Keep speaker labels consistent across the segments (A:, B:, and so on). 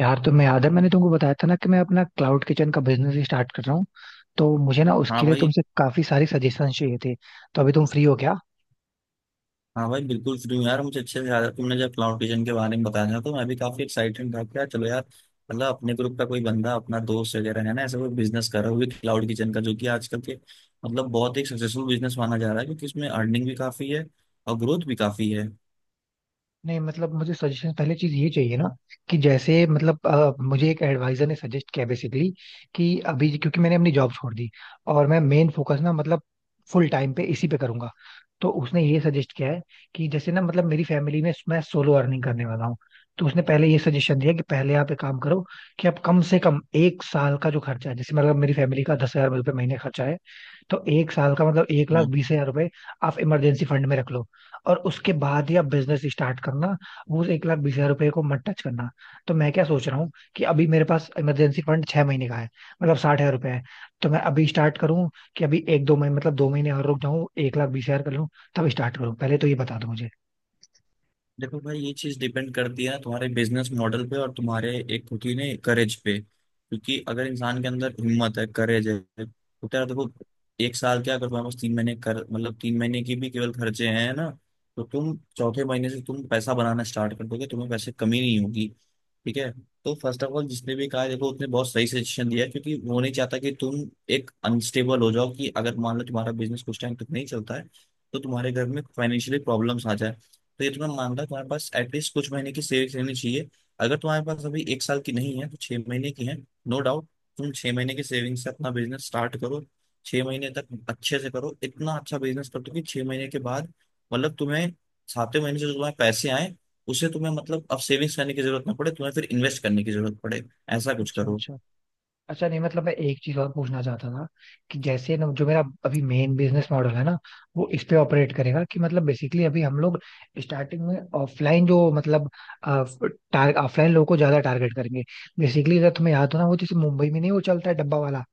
A: यार, तुम्हें याद है मैंने तुमको बताया था ना कि मैं अपना क्लाउड किचन का बिजनेस स्टार्ट कर रहा हूँ। तो मुझे ना
B: हाँ
A: उसके लिए
B: भाई,
A: तुमसे काफी सारी सजेशन चाहिए थे। तो अभी तुम फ्री हो क्या?
B: हाँ भाई, बिल्कुल फ्री हूँ यार। मुझे अच्छे से याद है, तुमने जब क्लाउड किचन के बारे में बताया तो मैं भी काफी एक्साइटेड था। क्या चलो यार, मतलब अपने ग्रुप का कोई बंदा, अपना दोस्त वगैरह है ना, ऐसा कोई बिजनेस कर रहा है वो भी क्लाउड किचन का, जो कि आजकल के मतलब बहुत एक सक्सेसफुल बिजनेस माना जा रहा है, क्योंकि इसमें अर्निंग भी काफी है और ग्रोथ भी काफी है।
A: नहीं मतलब, मुझे सजेशन पहले चीज ये चाहिए ना कि जैसे मतलब मुझे एक एडवाइजर ने सजेस्ट किया बेसिकली कि अभी क्योंकि मैंने अपनी जॉब छोड़ दी और मैं मेन फोकस ना मतलब फुल टाइम पे इसी पे करूंगा। तो उसने ये सजेस्ट किया है कि जैसे ना मतलब मेरी फैमिली में मैं सोलो अर्निंग करने वाला हूँ। तो उसने पहले ये सजेशन दिया कि पहले आप एक काम करो कि आप कम से कम एक साल का जो खर्चा है, जैसे मतलब मेरी फैमिली का 10 हजार रुपये महीने खर्चा है, तो एक साल का मतलब एक लाख
B: हम्म।
A: बीस हजार रुपए आप इमरजेंसी फंड में रख लो और उसके बाद ही आप बिजनेस स्टार्ट करना। वो उस 1 लाख 20 हजार रुपए को मत टच करना। तो मैं क्या सोच रहा हूँ कि अभी मेरे पास इमरजेंसी फंड 6 महीने का है, मतलब 60 हजार रुपए है। तो मैं अभी स्टार्ट करूँ कि अभी एक दो महीने मतलब 2 महीने और रुक जाऊँ, 1 लाख 20 हजार कर लूँ, तब स्टार्ट करूँ? पहले तो ये बता दो मुझे।
B: देखो भाई, ये चीज डिपेंड करती है तुम्हारे बिजनेस मॉडल पे और तुम्हारे एक खुद ही ने करेज पे, क्योंकि अगर इंसान के अंदर हिम्मत है, करेज है, तो तेरा देखो, एक साल क्या, अगर तुम्हारे पास तीन महीने कर मतलब 3 महीने की भी केवल खर्चे हैं ना, तो तुम चौथे महीने से तुम पैसा बनाना स्टार्ट कर दोगे, तुम्हें पैसे कमी नहीं होगी। ठीक है। तो फर्स्ट ऑफ ऑल जिसने भी कहा है, देखो, उसने बहुत सही सजेशन दिया है, क्योंकि वो नहीं चाहता कि तुम एक अनस्टेबल हो जाओ, कि अगर मान लो तुम्हारा बिजनेस कुछ टाइम तक नहीं चलता है तो तुम्हारे घर में फाइनेंशियली प्रॉब्लम्स आ जाए। तो ये तुम्हें मामला है, तुम्हारे पास एटलीस्ट कुछ महीने की सेविंग्स रहनी चाहिए। अगर तुम्हारे पास अभी एक साल की नहीं है तो 6 महीने की है। No doubt. तुम 6 महीने की सेविंग से अपना बिजनेस स्टार्ट करो। 6 महीने तक अच्छे से करो, इतना अच्छा बिजनेस कर दो कि 6 महीने के बाद मतलब तुम्हें सातवें महीने से जो तुम्हारे पैसे आए उसे तुम्हें मतलब अब सेविंग्स करने की जरूरत ना पड़े, तुम्हें फिर इन्वेस्ट करने की जरूरत पड़े। ऐसा कुछ
A: अच्छा
B: करो।
A: अच्छा। अच्छा नहीं मतलब, मैं एक चीज और पूछना चाहता था कि जैसे ना जो मेरा अभी मेन बिजनेस मॉडल है ना वो इस पे ऑपरेट करेगा कि मतलब बेसिकली अभी हम लोग स्टार्टिंग में ऑफलाइन, जो मतलब ऑफलाइन लोगों को ज्यादा टारगेट करेंगे। बेसिकली अगर तुम्हें याद हो ना वो जैसे मुंबई में नहीं, वो चलता है डब्बा वाला,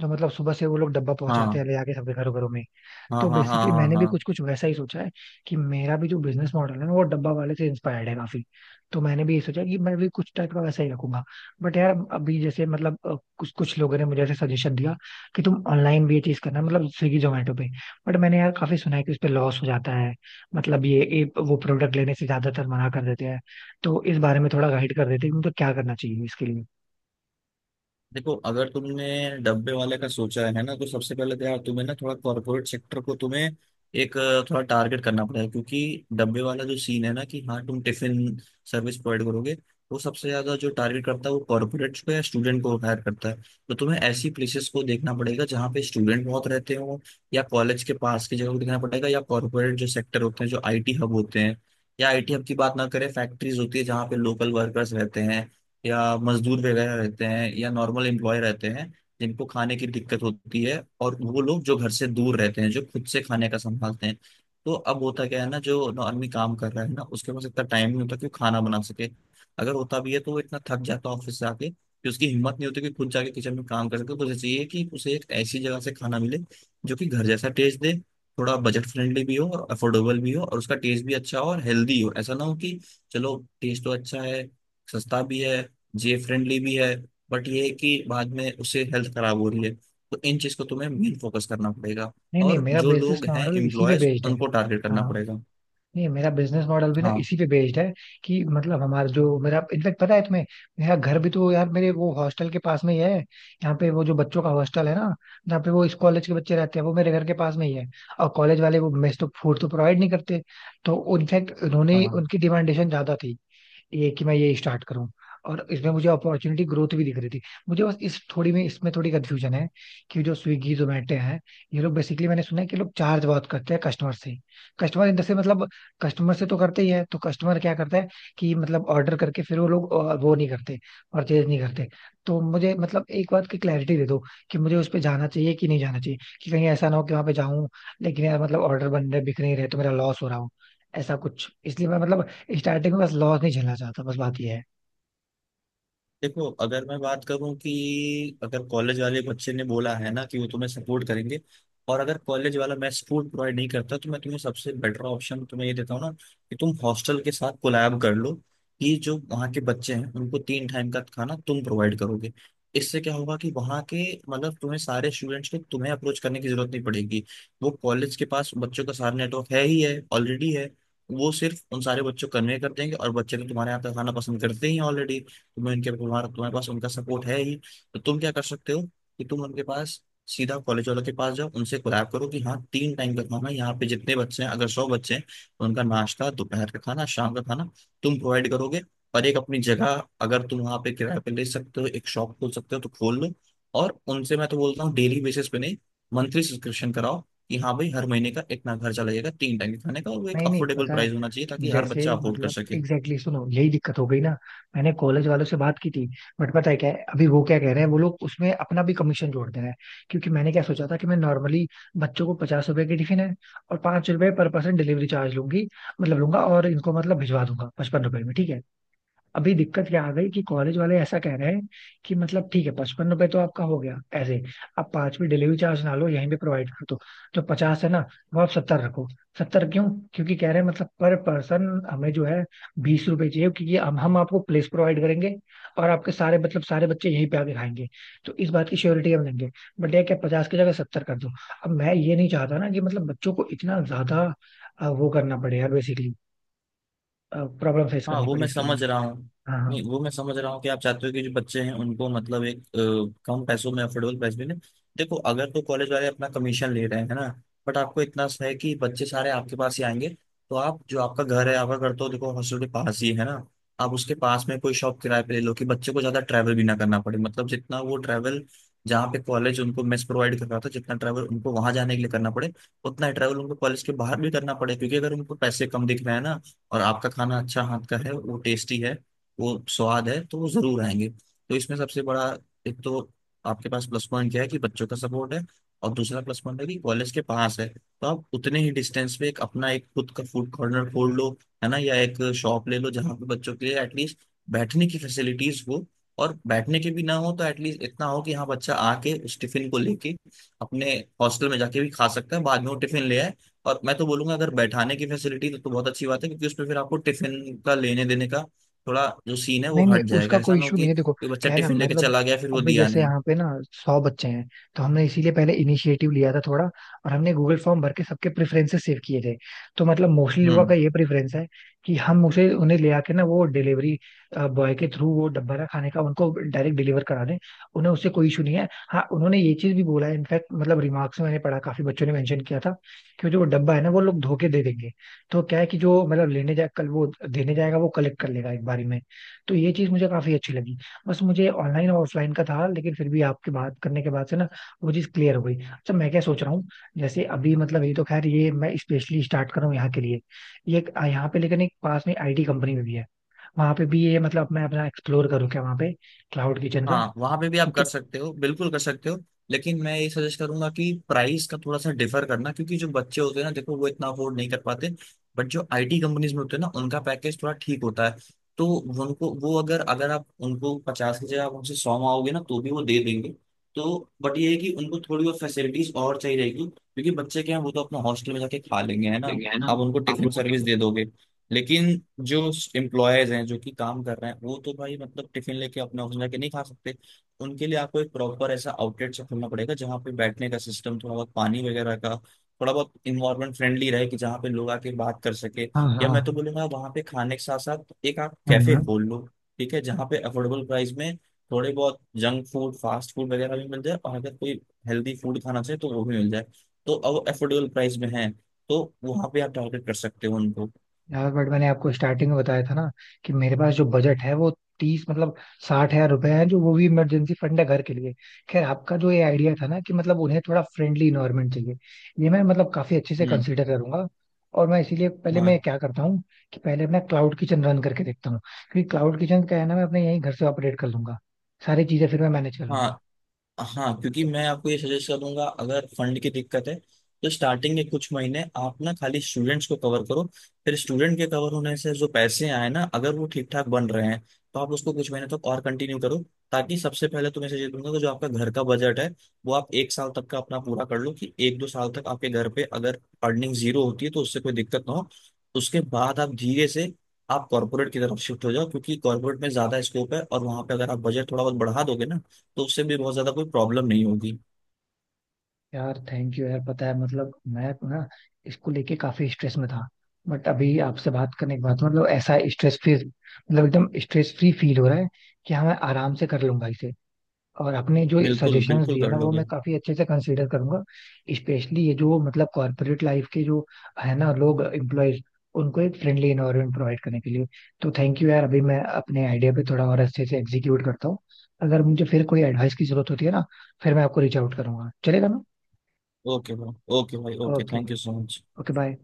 A: जो मतलब सुबह से वो लोग डब्बा
B: हाँ
A: पहुंचाते हैं ले जाके सबके घरों घरों में।
B: हाँ
A: तो
B: हाँ हाँ
A: बेसिकली
B: हाँ
A: मैंने भी
B: हाँ।
A: कुछ कुछ वैसा ही सोचा है कि मेरा भी जो बिजनेस मॉडल है ना वो डब्बा वाले से इंस्पायर्ड है काफी। तो मैंने भी ये सोचा कि मैं भी कुछ टाइप का वैसा ही रखूंगा। बट यार अभी जैसे मतलब कुछ कुछ लोगों ने मुझे ऐसे सजेशन दिया कि तुम ऑनलाइन भी ये चीज करना, मतलब स्विगी जोमेटो पे। बट मैंने यार काफी सुना है कि उस पे लॉस हो जाता है, मतलब ये एक वो प्रोडक्ट लेने से ज्यादातर मना कर देते हैं। तो इस बारे में थोड़ा गाइड कर देते हैं कि मतलब क्या करना चाहिए इसके लिए।
B: देखो, अगर तुमने डब्बे वाले का सोचा है ना तो सबसे पहले तो यार तुम्हें ना थोड़ा कॉर्पोरेट सेक्टर को तुम्हें एक थोड़ा टारगेट करना पड़ेगा, क्योंकि डब्बे वाला जो सीन है ना, कि हाँ तुम टिफिन सर्विस प्रोवाइड करोगे, वो सबसे ज्यादा जो टारगेट करता है वो कॉर्पोरेट को या स्टूडेंट को हायर करता है। तो तुम्हें ऐसी प्लेसेस को देखना पड़ेगा जहाँ पे स्टूडेंट बहुत रहते हो, या कॉलेज के पास की जगह को देखना पड़ेगा, या कॉर्पोरेट जो सेक्टर होते हैं जो आईटी हब होते हैं, या आईटी हब की बात ना करें, फैक्ट्रीज होती है जहाँ पे लोकल वर्कर्स रहते हैं या मजदूर वगैरह रहते हैं या नॉर्मल एम्प्लॉय रहते हैं जिनको खाने की दिक्कत होती है, और वो लोग जो घर से दूर रहते हैं जो खुद से खाने का संभालते हैं। तो अब होता क्या है ना, जो आदमी काम कर रहा है ना उसके पास इतना टाइम नहीं होता कि वो खाना बना सके। अगर होता भी है तो वो इतना थक जाता है ऑफिस से आके, कि उसकी हिम्मत नहीं होती कि खुद जाके किचन में काम कर सके, तो उसे चाहिए कि उसे एक ऐसी जगह से खाना मिले जो कि घर जैसा टेस्ट दे, थोड़ा बजट फ्रेंडली भी हो और अफोर्डेबल भी हो और उसका टेस्ट भी अच्छा हो और हेल्दी हो। ऐसा ना हो कि चलो टेस्ट तो अच्छा है, सस्ता भी है, ये फ्रेंडली भी है, बट ये है कि बाद में उससे हेल्थ खराब हो रही है। तो इन चीज को तुम्हें मेन फोकस करना पड़ेगा,
A: नहीं नहीं,
B: और
A: मेरा
B: जो
A: बिजनेस
B: लोग हैं
A: मॉडल इसी पे
B: एम्प्लॉयज
A: बेस्ड है।
B: उनको टारगेट करना
A: हाँ।
B: पड़ेगा।
A: नहीं मेरा बिजनेस मॉडल भी ना
B: हाँ
A: इसी पे बेस्ड है कि मतलब हमारा जो मेरा, इनफैक्ट पता है तुम्हें, मेरा घर भी तो यार मेरे वो हॉस्टल के पास में ही है। यहाँ पे वो जो बच्चों का हॉस्टल है ना, यहाँ पे वो इस कॉलेज के बच्चे रहते हैं, वो मेरे घर के पास में ही है। और कॉलेज वाले वो मेस तो फूड तो प्रोवाइड नहीं करते। तो इनफैक्ट उन्होंने,
B: हाँ।
A: उनकी डिमांडेशन ज्यादा थी ये कि मैं ये स्टार्ट करूं, और इसमें मुझे अपॉर्चुनिटी ग्रोथ भी दिख रही थी। मुझे बस इस थोड़ी में, इसमें थोड़ी कंफ्यूजन है कि जो स्विगी जोमेटो है ये लोग, बेसिकली मैंने सुना है कि लोग चार्ज बहुत करते हैं कस्टमर से। कस्टमर इन द से मतलब कस्टमर से तो करते ही है। तो कस्टमर क्या करता है कि मतलब ऑर्डर करके फिर वो लोग वो नहीं करते, परचेज नहीं करते। तो मुझे मतलब एक बात की क्लैरिटी दे दो कि मुझे उस पर जाना चाहिए कि नहीं जाना चाहिए, कि कहीं ऐसा ना हो कि वहां पे जाऊं लेकिन यार मतलब ऑर्डर बन रहे बिक नहीं रहे तो मेरा लॉस हो रहा हो, ऐसा कुछ। इसलिए मैं मतलब स्टार्टिंग में बस लॉस नहीं झेलना चाहता, बस बात ये है।
B: देखो, अगर मैं बात करूं कि अगर कॉलेज वाले बच्चे ने बोला है ना कि वो तुम्हें सपोर्ट करेंगे, और अगर कॉलेज वाला मैं सपोर्ट प्रोवाइड नहीं करता, तो मैं तुम्हें सबसे बेटर ऑप्शन तुम्हें ये देता हूँ ना, कि तुम हॉस्टल के साथ कोलैब कर लो कि जो वहाँ के बच्चे हैं उनको 3 टाइम का खाना तुम प्रोवाइड करोगे। इससे क्या होगा कि वहाँ के मतलब तुम्हें सारे स्टूडेंट्स को तुम्हें अप्रोच करने की जरूरत नहीं पड़ेगी। वो कॉलेज के पास बच्चों का सारा नेटवर्क है ही है, ऑलरेडी है। वो सिर्फ उन सारे बच्चों को कन्वे कर देंगे और बच्चे तो तुम्हारे यहाँ का खाना पसंद करते ही ऑलरेडी। तुम्हें उनके तुम्हारा तुम्हारे पास उनका सपोर्ट है ही। तो तुम क्या कर सकते हो, कि तुम उनके पास सीधा कॉलेज वालों के पास जाओ, उनसे कोलैब करो कि हाँ 3 टाइम का खाना यहाँ पे जितने बच्चे हैं, अगर 100 बच्चे हैं तो उनका नाश्ता, दोपहर का खाना, शाम का खाना तुम प्रोवाइड करोगे। और एक अपनी जगह अगर तुम वहाँ पे किराए पे ले सकते हो, एक शॉप खोल सकते हो, तो खोल लो। और उनसे मैं तो बोलता हूँ डेली बेसिस पे नहीं, मंथली सब्सक्रिप्शन कराओ, कि हाँ भाई हर महीने का इतना खर्चा लगेगा 3 टाइम के खाने का, और वो एक
A: नहीं नहीं,
B: अफोर्डेबल
A: पता है।
B: प्राइस होना चाहिए ताकि हर
A: जैसे
B: बच्चा अफोर्ड कर
A: मतलब एग्जैक्टली,
B: सके।
A: सुनो यही दिक्कत हो गई ना, मैंने कॉलेज वालों से बात की थी। बट पता है क्या है, अभी वो क्या कह रहे हैं, वो लोग उसमें अपना भी कमीशन जोड़ दे रहे हैं। क्योंकि मैंने क्या सोचा था कि मैं नॉर्मली बच्चों को 50 रुपए की टिफिन है और 5 रुपए पर पर्सन डिलीवरी चार्ज लूंगी, मतलब लूंगा, और इनको मतलब भिजवा दूंगा 55 रुपए में, ठीक है। अभी दिक्कत क्या आ गई कि कॉलेज वाले ऐसा कह रहे हैं कि मतलब ठीक है, 55 रुपए तो आपका हो गया ऐसे, आप 5वीं डिलीवरी चार्ज ना लो, यहीं पे प्रोवाइड कर दो, जो 50 है ना वो आप 70 रखो। 70 क्यों? क्योंकि कह रहे हैं मतलब पर पर्सन हमें जो है 20 रुपए चाहिए क्योंकि हम आपको प्लेस प्रोवाइड करेंगे और आपके सारे मतलब सारे बच्चे यहीं पे आके खाएंगे, तो इस बात की श्योरिटी हम लेंगे। बट ये क्या 50 की जगह 70 कर दो। अब मैं ये नहीं चाहता ना कि मतलब बच्चों को इतना ज्यादा वो करना पड़े यार, बेसिकली प्रॉब्लम फेस
B: हाँ
A: करनी
B: वो
A: पड़े
B: मैं
A: इसके
B: समझ
A: लिए।
B: रहा हूँ।
A: हाँ हाँ।
B: नहीं, वो मैं समझ रहा हूँ कि आप चाहते हो कि जो बच्चे हैं उनको मतलब एक कम पैसों में अफोर्डेबल प्राइस में। देखो अगर तो कॉलेज वाले अपना कमीशन ले रहे हैं है ना, बट आपको इतना सा है कि बच्चे सारे आपके पास ही आएंगे। तो आप जो आपका घर है, आपका घर तो देखो हॉस्टल के पास ही है ना। आप उसके पास में कोई शॉप किराए पे ले लो, कि बच्चे को ज्यादा ट्रैवल भी ना करना पड़े, मतलब जितना वो ट्रैवल, जहाँ पे कॉलेज उनको मेस प्रोवाइड कर रहा था, जितना ट्रैवल उनको वहां जाने के लिए करना पड़े, उतना ही ट्रैवल उनको कॉलेज के बाहर भी करना पड़े। क्योंकि अगर उनको पैसे कम दिख रहे हैं ना और आपका खाना अच्छा, हाथ का है, वो टेस्टी है, वो स्वाद है, तो वो जरूर आएंगे। तो इसमें सबसे बड़ा, एक तो आपके पास प्लस पॉइंट क्या है कि बच्चों का सपोर्ट है, और दूसरा प्लस पॉइंट है कि कॉलेज के पास है, तो आप उतने ही डिस्टेंस पे एक अपना एक खुद का फूड कॉर्नर खोल लो, है ना, या एक शॉप ले लो जहाँ पे बच्चों के लिए एटलीस्ट बैठने की फैसिलिटीज हो। और बैठने के भी ना हो तो एटलीस्ट इतना हो कि हाँ बच्चा आके उस टिफिन को लेके अपने हॉस्टल में जाके भी खा सकता है, बाद में वो टिफिन ले आए। और मैं तो बोलूंगा अगर बैठाने की फैसिलिटी तो बहुत अच्छी बात है, क्योंकि उसमें फिर आपको टिफिन का लेने देने का थोड़ा जो सीन है वो
A: नहीं नहीं,
B: हट जाएगा।
A: उसका
B: ऐसा
A: कोई
B: ना हो
A: इशू नहीं है देखो।
B: कि बच्चा
A: क्या है ना
B: टिफिन लेके
A: मतलब,
B: चला गया फिर वो
A: अभी
B: दिया
A: जैसे
B: नहीं।
A: यहाँ पे ना 100 बच्चे हैं। तो हमने इसीलिए पहले इनिशिएटिव लिया था थोड़ा और हमने गूगल फॉर्म भर के सबके प्रेफरेंसेस सेव किए थे। तो मतलब मोस्टली लोगों का
B: हम्म।
A: ये प्रेफरेंस है कि हम उसे, उन्हें ले आके ना वो डिलीवरी बॉय के थ्रू वो डब्बा ना खाने का उनको डायरेक्ट डिलीवर करा दें। उन्हें उससे कोई इशू नहीं है। हाँ, उन्होंने ये चीज भी बोला है इनफैक्ट, मतलब रिमार्क्स में मैंने पढ़ा, काफी बच्चों ने मेंशन किया था कि जो वो डब्बा है ना वो लोग धोके दे देंगे। तो क्या है कि जो मतलब लेने जाए कल वो देने जाएगा, वो कलेक्ट कर लेगा एक बारी में। तो ये चीज मुझे काफी अच्छी लगी। बस मुझे ऑनलाइन और ऑफलाइन का था लेकिन फिर भी आपके बात करने के बाद से ना वो चीज क्लियर हो गई। अच्छा, मैं क्या सोच रहा हूँ, जैसे अभी मतलब ये तो खैर ये मैं स्पेशली स्टार्ट कर रहा हूँ यहाँ के लिए। यहाँ पे लेकिन एक पास में आईटी कंपनी में भी है, वहां पे भी ये मतलब मैं अपना एक्सप्लोर करूँ क्या वहां पे क्लाउड किचन का?
B: हाँ वहां पे भी आप
A: क्योंकि
B: कर सकते हो, बिल्कुल कर सकते हो। लेकिन मैं ये सजेस्ट करूंगा कि प्राइस का थोड़ा सा डिफर करना, क्योंकि जो बच्चे होते हैं ना देखो वो इतना अफोर्ड नहीं कर पाते, बट जो आईटी कंपनीज में होते हैं ना उनका पैकेज थोड़ा ठीक होता है। तो उनको वो अगर अगर आप उनको 50 की जगह आप उनसे 100 मांगोगे ना तो भी वो दे देंगे। तो बट ये है कि उनको थोड़ी और फैसिलिटीज और चाहिए रहेगी, क्योंकि बच्चे क्या हैं वो तो अपना हॉस्टल में जाके खा लेंगे है ना,
A: हाँ।
B: आप उनको
A: आप,
B: टिफिन सर्विस दे दोगे। लेकिन जो एम्प्लॉयज हैं जो कि काम कर रहे हैं वो तो भाई मतलब टिफिन लेके अपना ऑफिस जाके नहीं खा सकते। उनके लिए आपको एक प्रॉपर ऐसा आउटलेट से खोलना पड़ेगा जहाँ पे बैठने का सिस्टम, थोड़ा बहुत पानी वगैरह का, थोड़ा बहुत इन्वायरमेंट फ्रेंडली रहे, कि जहाँ पे लोग आके बात कर सके।
A: हाँ
B: या
A: हाँ।
B: मैं तो बोलूँगा वहाँ पे खाने के साथ साथ एक आप
A: हम्म
B: कैफे
A: हम्म।
B: खोल लो। ठीक है, जहाँ पे अफोर्डेबल प्राइस में थोड़े बहुत जंक फूड, फास्ट फूड वगैरह भी मिल जाए, और अगर कोई हेल्दी फूड खाना चाहिए तो वो भी मिल जाए। तो अब अफोर्डेबल प्राइस में है, तो वहाँ पे आप टारगेट कर सकते हो उनको।
A: यार बट मैंने आपको स्टार्टिंग में बताया था ना कि मेरे पास जो बजट है वो 30, मतलब साठ हजार रुपए है, जो वो भी इमरजेंसी फंड है घर के लिए। खैर, आपका जो ये आइडिया था ना कि मतलब उन्हें थोड़ा फ्रेंडली इन्वायरमेंट चाहिए, ये मैं मतलब काफी अच्छे से
B: हम्म।
A: कंसीडर करूंगा। और मैं इसीलिए पहले मैं
B: हाँ
A: क्या करता हूँ कि पहले अपना क्लाउड किचन रन करके देखता हूँ, क्योंकि क्लाउड किचन का है ना मैं अपने यहीं घर से ऑपरेट कर लूंगा, सारी चीजें फिर मैं मैनेज कर लूंगा।
B: हाँ। हाँ क्योंकि मैं आपको ये सजेस्ट करूंगा, अगर फंड की दिक्कत है तो स्टार्टिंग के कुछ महीने आप ना खाली स्टूडेंट्स को कवर करो। फिर स्टूडेंट के कवर होने से जो पैसे आए ना, अगर वो ठीक ठाक बन रहे हैं तो आप उसको कुछ महीने तक और कंटिन्यू करो, ताकि सबसे पहले तुम्हें सजेस्ट दूंगा कि जो आपका घर का बजट है वो आप एक साल तक का अपना पूरा कर लो, कि एक दो साल तक आपके घर पे अगर अर्निंग जीरो होती है तो उससे कोई दिक्कत ना हो। उसके बाद आप धीरे से आप कॉर्पोरेट की तरफ शिफ्ट हो जाओ, क्योंकि कॉर्पोरेट में ज्यादा स्कोप है, और वहां पे अगर आप बजट थोड़ा बहुत बढ़ा दोगे ना तो उससे भी बहुत ज्यादा कोई प्रॉब्लम नहीं होगी।
A: यार थैंक यू यार, पता है मतलब मैं ना इसको लेके काफी स्ट्रेस में था। बट अभी आपसे बात करने के बाद मतलब ऐसा स्ट्रेस फ्री, मतलब एकदम स्ट्रेस फ्री फील हो रहा है कि हाँ मैं आराम से कर लूंगा इसे। और आपने जो
B: बिल्कुल,
A: सजेशंस
B: बिल्कुल
A: दिए
B: कर
A: ना वो मैं
B: लोगे।
A: काफी अच्छे से कंसीडर करूंगा, स्पेशली ये जो मतलब कॉर्पोरेट लाइफ के जो है ना लोग, एम्प्लॉयज, उनको एक फ्रेंडली एनवायरनमेंट प्रोवाइड करने के लिए। तो थैंक यू यार, अभी मैं अपने आइडिया पे थोड़ा और अच्छे से एग्जीक्यूट करता हूँ। अगर मुझे फिर कोई एडवाइस की जरूरत होती है ना, फिर मैं आपको रीच आउट करूंगा, चलेगा ना?
B: ओके भाई, ओके भाई, okay.
A: Okay.
B: Thank you so much.
A: Okay bye.